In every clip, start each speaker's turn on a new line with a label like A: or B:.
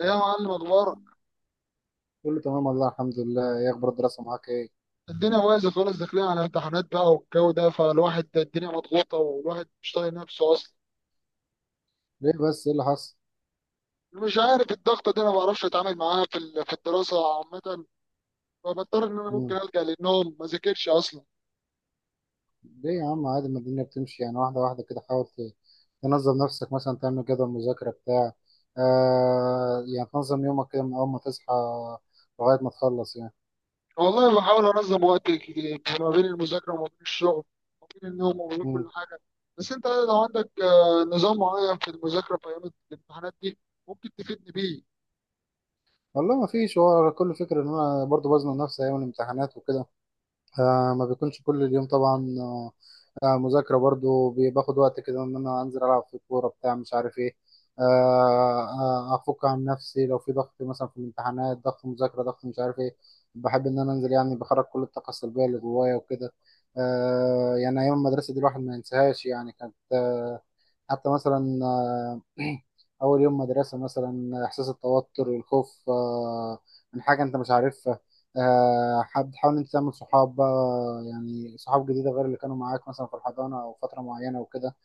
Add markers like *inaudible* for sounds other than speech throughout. A: يا معلم، اخبارك؟
B: كله تمام والله الحمد لله. ايه اخبار الدراسه معاك؟ ايه
A: الدنيا بايظه خالص، داخلين على امتحانات بقى والجو ده، فالواحد الدنيا مضغوطه والواحد مش طايق نفسه اصلا.
B: ليه بس؟ ايه اللي حصل؟
A: مش عارف الضغطه دي، انا ما بعرفش اتعامل معاها في الدراسه عامه، فبضطر ان انا ممكن
B: مم.
A: الجا للنوم، ما ذاكرش اصلا.
B: ليه يا عم؟ عادي، ما الدنيا بتمشي يعني واحده واحده كده. حاول تنظم نفسك، مثلا تعمل جدول مذاكره بتاع. يعني تنظم يومك كده من اول ما تصحى لغايه ما تخلص يعني.
A: والله بحاول انظم وقتي كتير ما بين المذاكره وما بين الشغل وما بين النوم وما بين
B: مم.
A: كل حاجه. بس انت لو عندك نظام معين في المذاكره في ايام الامتحانات دي، ممكن تفيدني بيه.
B: والله ما فيش. هو كل فكره ان انا برضو بزنق نفسي ايام الامتحانات وكده. ما بيكونش كل اليوم طبعا. مذاكرة برضو باخد وقت كده، إن أنا أنزل ألعب في الكورة بتاع مش عارف إيه. آه أفك عن نفسي لو في ضغط، مثلا في الامتحانات ضغط مذاكرة ضغط مش عارف إيه. بحب إن أنا أنزل، يعني بخرج كل الطاقة السلبية اللي جوايا وكده. يعني أيام المدرسة دي الواحد ما ينساهاش يعني، كانت حتى مثلا *clears throat* أول يوم مدرسة مثلا، إحساس التوتر والخوف من حاجة أنت مش عارفها. حد حاول أنت تعمل صحاب بقى، يعني صحاب جديدة غير اللي كانوا معاك مثلا في الحضانة أو فترة معينة وكده.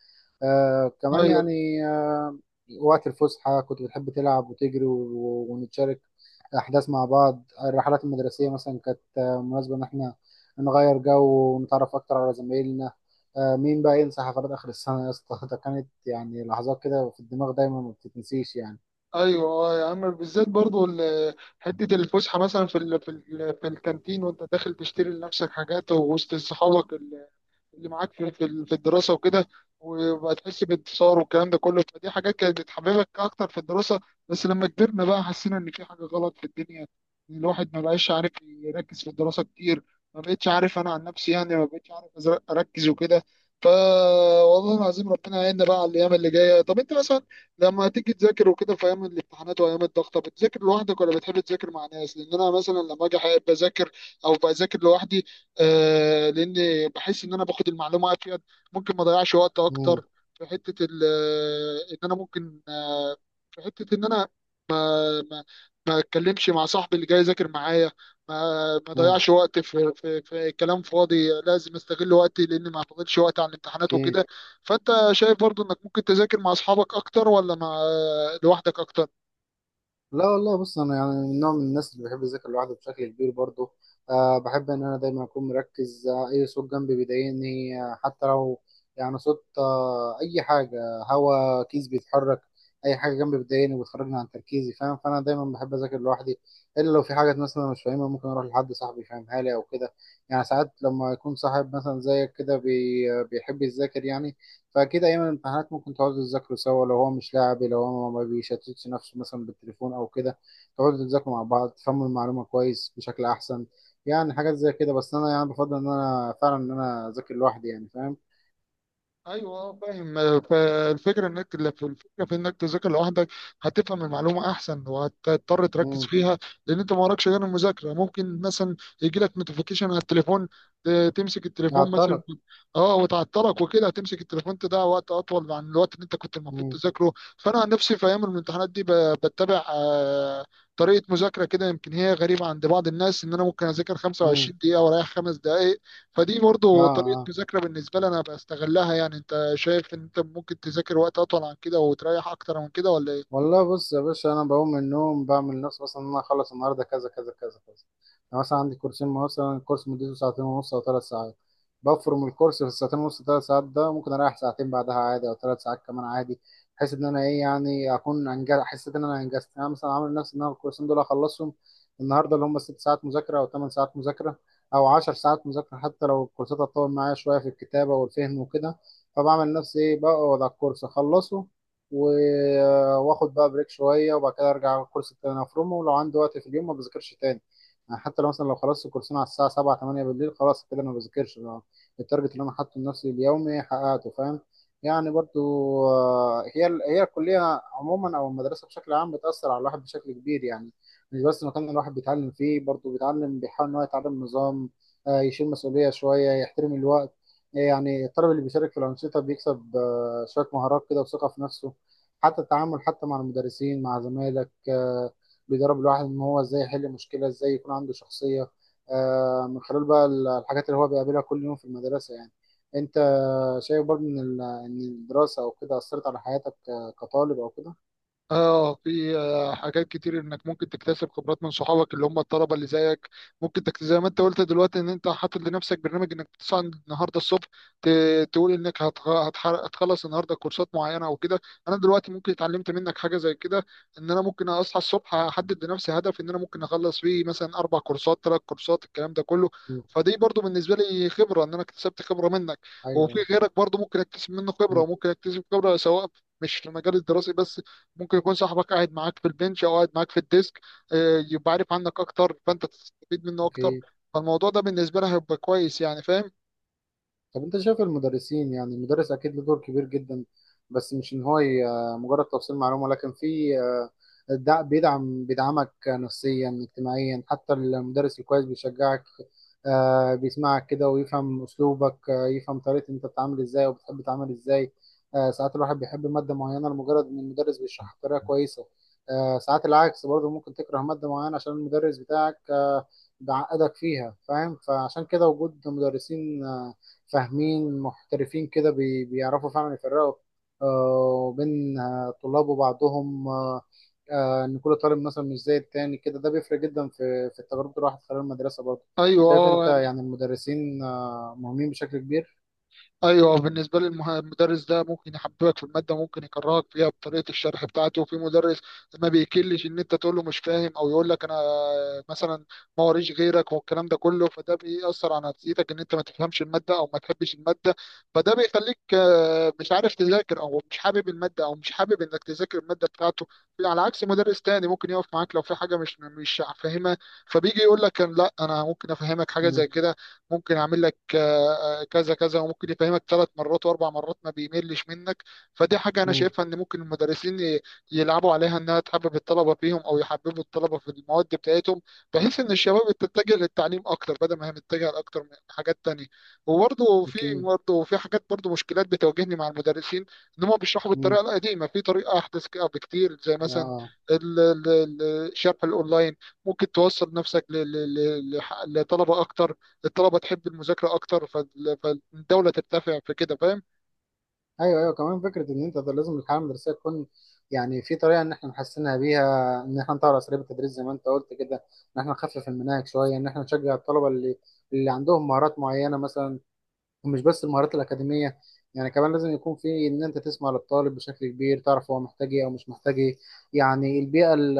B: كمان
A: ايوه،
B: يعني. آه وقت الفسحة كنت بتحب تلعب وتجري ونتشارك أحداث مع بعض. الرحلات المدرسية مثلا كانت مناسبة إن إحنا نغير جو ونتعرف أكتر على زمايلنا. مين بقى ينسى حفلات آخر السنة يا اسطى؟ *laughs* ده كانت يعني لحظات كده في الدماغ دايما ما بتتنسيش يعني.
A: ايوه. يا عم، بالذات برضو حته الفسحه، مثلا في الكانتين وانت داخل تشتري لنفسك حاجات، ووسط صحابك اللي معاك في الدراسة وكده، وبقى تحس بانتصار والكلام ده كله، فدي حاجات كانت بتحببك أكتر في الدراسة. بس لما كبرنا بقى، حسينا إن في حاجة غلط في الدنيا، إن الواحد ما بقاش عارف يركز في الدراسة كتير. ما بقتش عارف، أنا عن نفسي يعني ما بقتش عارف أركز وكده فا والله العظيم، ربنا يعيننا بقى على الأيام اللي جاية. طب أنت مثلا لما تيجي تذاكر وكده في أيام الامتحانات وأيام الضغطة، بتذاكر لوحدك ولا بتحب تذاكر مع ناس؟ لأن أنا مثلا لما أجي أحب أذاكر، أو بذاكر لوحدي. لان بحس ان انا باخد المعلومه افيد، ممكن ما اضيعش وقت
B: مم،
A: اكتر. في حته ال- آه، ان انا ممكن آه في حته ان انا آه، ما ما اتكلمش مع صاحبي اللي جاي يذاكر معايا، ما ما
B: مم،
A: ضيعش وقت في كلام فاضي، لازم استغل وقتي لان ما فاضلش وقت على الامتحانات
B: أكيد.
A: وكده. فانت شايف برضو انك ممكن تذاكر مع اصحابك اكتر، ولا مع لوحدك اكتر؟
B: لا والله، بص انا يعني من نوع من الناس اللي بحب اذاكر لوحده بشكل كبير برضه. أه، بحب ان انا دايما اكون مركز، اي صوت جنبي بيضايقني، حتى لو يعني صوت، اي حاجه، هوا كيس بيتحرك، اي حاجه جنبي بتضايقني وبتخرجني عن تركيزي، فاهم؟ فانا دايما بحب اذاكر لوحدي، الا لو في حاجه مثلا أنا مش فاهمها ممكن اروح لحد صاحبي يفهمها لي او كده. يعني ساعات لما يكون صاحب مثلا زيك كده بيحب يذاكر يعني، فأكيد أيام الامتحانات ممكن تقعدوا تذاكروا سوا، لو هو مش لاعب، لو هو ما بيشتتش نفسه مثلا بالتليفون أو كده، تقعدوا تذاكروا مع بعض تفهموا المعلومة كويس بشكل أحسن. يعني حاجات زي كده. بس أنا يعني بفضل إن أنا فعلا إن أنا أذاكر لوحدي، يعني فاهم؟
A: ايوه. فاهم. آه، فالفكره انك الفكره في انك تذاكر لوحدك هتفهم المعلومه احسن، وهتضطر تركز
B: امم
A: فيها. لان انت ما وراكش غير المذاكره، ممكن مثلا يجي لك نوتيفيكيشن على التليفون، تمسك التليفون مثلا.
B: هعطلك.
A: اه، وتعطلك وكده، هتمسك التليفون تضيع وقت اطول عن الوقت اللي انت كنت المفروض
B: امم
A: تذاكره. فانا عن نفسي في ايام الامتحانات دي بتبع طريقه مذاكره كده، يمكن هي غريبه عند بعض الناس، ان انا ممكن اذاكر
B: امم
A: 25 دقيقه واريح 5 دقائق. فدي
B: آه
A: برضو طريقة
B: آه.
A: مذاكرة بالنسبة لي أنا بستغلها، يعني أنت شايف إن أنت ممكن تذاكر وقت أطول عن كده وتريح أكتر من كده، ولا إيه؟
B: والله بص يا باشا، انا بقوم من النوم بعمل نفسي مثلا ان انا اخلص النهارده كذا كذا كذا كذا. انا مثلا عندي كورسين، مثلا الكورس مدته ساعتين ونص او 3 ساعات، بفرم الكورس في الساعتين ونص 3 ساعات ده، ممكن اريح ساعتين بعدها عادي او 3 ساعات كمان عادي، بحيث ان انا ايه يعني اكون انجز، حسيت ان انا انجزت. يعني انا مثلا عامل نفسي ان انا الكورسين دول اخلصهم النهارده، اللي هم 6 ساعات مذاكره او 8 ساعات مذاكره او 10 ساعات مذاكره، حتى لو الكورسات هتطول معايا شويه في الكتابه والفهم وكده. فبعمل نفسي ايه، بقعد على الكورس اخلصه واخد بقى بريك شويه، وبعد كده ارجع على الكورس التاني افرمه، ولو عندي وقت في اليوم ما بذاكرش تاني. يعني حتى لو مثلا لو خلصت الكورسين على الساعه 7 8 بالليل، خلاص كده انا ما بذاكرش لو التارجت اللي انا حاطه لنفسي اليومي حققته، فاهم؟ يعني برضو، هي الكليه عموما او المدرسه بشكل عام بتاثر على الواحد بشكل كبير يعني. مش بس المكان اللي الواحد بيتعلم فيه، برضو بيتعلم، بيحاول ان هو يتعلم نظام، يشيل مسؤوليه شويه، يحترم الوقت. يعني الطالب اللي بيشارك في الانشطه بيكسب شويه مهارات كده وثقه في نفسه، حتى التعامل حتى مع المدرسين مع زمايلك، بيدرب الواحد ان هو ازاي يحل مشكله، ازاي يكون عنده شخصيه، من خلال بقى الحاجات اللي هو بيقابلها كل يوم في المدرسه يعني. انت شايف برضه ان ان الدراسه او كده اثرت على حياتك، كطالب او كده؟
A: اه، في حاجات كتير انك ممكن تكتسب خبرات من صحابك اللي هم الطلبه اللي زيك. ممكن تكتسب زي ما انت قلت دلوقتي، ان انت حاطط لنفسك برنامج انك بتصحى النهارده الصبح، ت... تقول انك هتخلص النهارده كورسات معينه او كده. انا دلوقتي ممكن اتعلمت منك حاجه زي كده، ان انا ممكن اصحى الصبح احدد لنفسي هدف ان انا ممكن اخلص فيه مثلا 4 كورسات، 3 كورسات، الكلام ده كله.
B: مم.
A: فدي برضو بالنسبه لي خبره، ان انا اكتسبت خبره منك.
B: ايوه
A: وفي
B: أيوة.
A: غيرك برضو ممكن اكتسب منه خبره،
B: مم.
A: وممكن اكتسب خبره سواء مش في المجال الدراسي بس. ممكن يكون صاحبك قاعد معاك في البنش، او قاعد معاك في الديسك، يبقى عارف عنك اكتر، فانت تستفيد منه اكتر.
B: اوكي.
A: فالموضوع ده بالنسبه لها هيبقى كويس يعني، فاهم؟
B: طب انت شايف المدرسين؟ يعني المدرس اكيد له دور كبير جدا، بس مش ان هو مجرد توصيل معلومه، لكن في بيدعمك نفسيا اجتماعيا. حتى المدرس الكويس بيشجعك، بيسمعك كده ويفهم اسلوبك، يفهم طريقه انت بتتعامل ازاي وبتحب تتعامل ازاي. ساعات الواحد بيحب ماده معينه لمجرد ان المدرس بيشرحها بطريقه كويسه. ساعات العكس برضه، ممكن تكره ماده معينه عشان المدرس بتاعك، بيعقدك فيها، فاهم؟ فعشان كده وجود مدرسين فاهمين محترفين كده بيعرفوا فعلا يفرقوا، بين طلاب وبعضهم، ان كل طالب مثلا مش زي التاني كده، ده بيفرق جدا في تجربة الواحد خلال المدرسة برضه.
A: ايوه،
B: شايف انت
A: اه،
B: يعني المدرسين مهمين بشكل كبير؟
A: ايوه. بالنسبه لي المدرس ده ممكن يحببك في الماده، ممكن يكرهك فيها بطريقه الشرح بتاعته. وفي مدرس ما بيكلش ان انت تقول له مش فاهم، او يقول لك انا مثلا ما وريش غيرك والكلام ده كله، فده بيأثر على نفسيتك، ان انت ما تفهمش الماده او ما تحبش الماده. فده بيخليك مش عارف تذاكر، او مش حابب الماده، او مش حابب انك تذاكر الماده بتاعته. على عكس مدرس تاني ممكن يقف معاك لو في حاجه مش فاهمها، فبيجي يقول لك لا، انا ممكن افهمك حاجه
B: مم،
A: زي كده، ممكن اعمل لك كذا كذا، وممكن يفهمك ثلاث مرات واربع مرات، ما بيملش منك. فدي حاجه انا
B: مم،
A: شايفها، ان ممكن المدرسين يلعبوا عليها، انها تحبب الطلبه فيهم، او يحببوا الطلبه في المواد بتاعتهم، بحيث ان الشباب تتجه للتعليم اكتر، بدل ما هي متجهه لاكتر من حاجات تانية. وبرضه في
B: اكيد.
A: برضه في حاجات برضه مشكلات بتواجهني مع المدرسين، ان هم بيشرحوا
B: مم،
A: بالطريقه القديمه، في طريقه احدث كده بكتير، زي مثلا
B: آه.
A: ال- ال- ال- الشرح الاونلاين، ممكن توصل نفسك لطلبه اكتر، الطلبه تحب المذاكره اكتر، فالدوله ترتفع في كده، فاهم؟
B: ايوه ايوه كمان، فكره ان انت ده، لازم الحاله المدرسيه تكون، يعني في طريقه ان احنا نحسنها بيها، ان احنا نطور اساليب التدريس زي ما انت قلت كده، ان احنا نخفف المناهج شويه، ان احنا نشجع الطلبه اللي عندهم مهارات معينه مثلا، ومش بس المهارات الأكاديمية. يعني كمان لازم يكون في إن أنت تسمع للطالب بشكل كبير، تعرف هو محتاج إيه أو مش محتاج إيه. يعني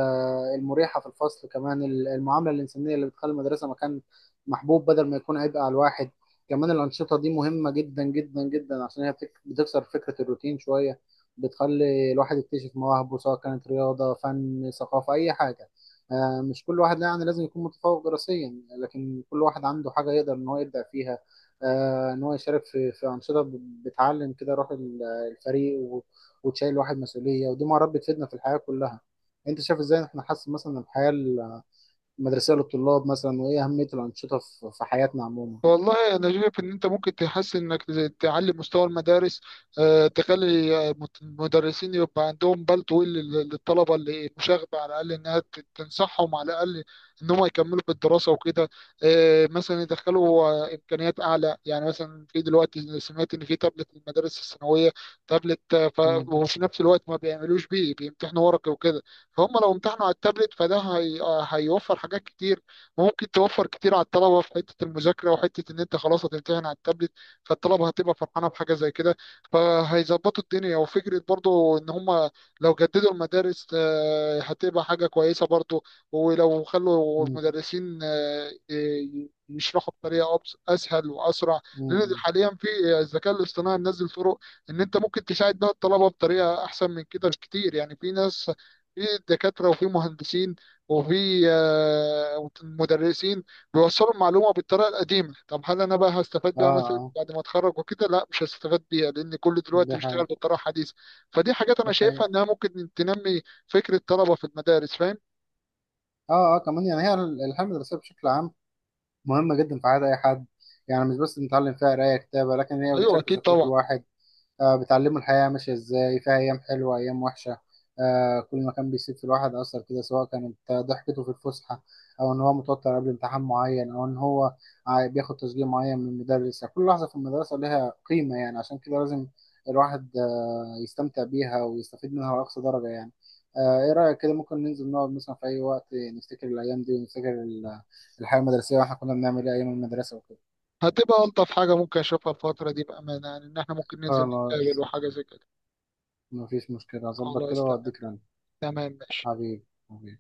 B: المريحة في الفصل، كمان المعاملة الإنسانية اللي بتخلي المدرسة مكان محبوب بدل ما يكون عبء على الواحد. كمان الأنشطة دي مهمة جدا جدا جدا، عشان هي بتكسر فكرة الروتين شوية، بتخلي الواحد يكتشف مواهبه سواء كانت رياضة، فن، ثقافة، أي حاجة. مش كل واحد يعني لازم يكون متفوق دراسيا، لكن كل واحد عنده حاجة يقدر إن هو يبدع فيها، ان هو يشارك في انشطه، بتعلم كده روح الفريق، وتشيل الواحد مسؤوليه، ودي مهارات بتفيدنا في الحياه كلها. انت شايف ازاي احنا نحسن مثلا الحياه المدرسيه للطلاب مثلا؟ وايه اهميه الانشطه في حياتنا عموما؟
A: والله انا شايف ان انت ممكن تحسن، انك تعلي مستوى المدارس، تخلي المدرسين يبقى عندهم بال طويل للطلبه اللي مشاغبه، على الاقل انها تنصحهم، على الاقل ان هم يكملوا في الدراسه وكده. مثلا يدخلوا امكانيات اعلى يعني، مثلا في دلوقتي سمعت ان في تابلت في المدارس الثانويه، تابلت
B: مم،
A: وفي نفس الوقت ما بيعملوش بيه، بيمتحنوا ورقي وكده. فهم لو امتحنوا على التابلت، فده هي... آه، هيوفر حاجات كتير، وممكن توفر كتير على الطلبه في حته المذاكره، وحته ان انت خلاص هتمتحن على التابلت، فالطلبه هتبقى فرحانه بحاجه زي كده، فهيظبطوا الدنيا. وفكره برضو ان هم لو جددوا المدارس، هتبقى حاجه كويسه برضو. ولو خلوا
B: مم،
A: المدرسين يشرحوا بطريقه اسهل واسرع، لان
B: مم.
A: حاليا في الذكاء الاصطناعي منزل طرق ان انت ممكن تساعد بها الطلبه بطريقه احسن من كده بكتير. يعني في ناس، في دكاتره، وفي مهندسين، وفي مدرسين بيوصلوا المعلومة بالطريقة القديمة. طب هل أنا بقى هستفاد
B: اه
A: بيها مثلا
B: اه،
A: بعد ما أتخرج وكده؟ لا، مش هستفاد بيها، لأن كل دلوقتي
B: ده
A: بيشتغل
B: حقيقي.
A: بالطريقة الحديثة. فدي حاجات أنا
B: ده
A: شايفها
B: حقيقي.
A: إنها ممكن تنمي فكرة الطلبة في المدارس، فاهم؟
B: اه اه. كمان يعني هي الحياه المدرسيه بشكل عام مهمه جدا في حياه اي حد، يعني مش بس بنتعلم فيها قرايه كتابه، لكن هي
A: أيوه
B: بتشكل
A: أكيد
B: شخصيه
A: طبعا.
B: الواحد. بتعلمه الحياة ماشية ازاي، فيها أيام حلوة أيام وحشة. كل ما كان بيسيب في الواحد أثر كده، سواء كانت ضحكته في الفسحة، أو إن هو متوتر قبل امتحان معين، أو إن هو بياخد تشجيع معين من المدرس. يعني كل لحظة في المدرسة لها قيمة، يعني عشان كده لازم الواحد يستمتع بيها ويستفيد منها لأقصى درجة يعني. إيه رأيك كده، ممكن ننزل نقعد مثلا في أي وقت نفتكر الأيام دي، ونفتكر الحياة المدرسية وإحنا كنا بنعمل إيه أيام المدرسة وكده؟
A: هتبقى ألطف حاجة ممكن أشوفها الفترة دي بأمانة، يعني إن إحنا ممكن ننزل نتقابل
B: خلاص
A: وحاجة زي كده.
B: مفيش مشكلة، أظبط كده
A: خلاص، تمام.
B: وأديك رن.
A: تمام، ماشي.
B: حبيبي حبيبي.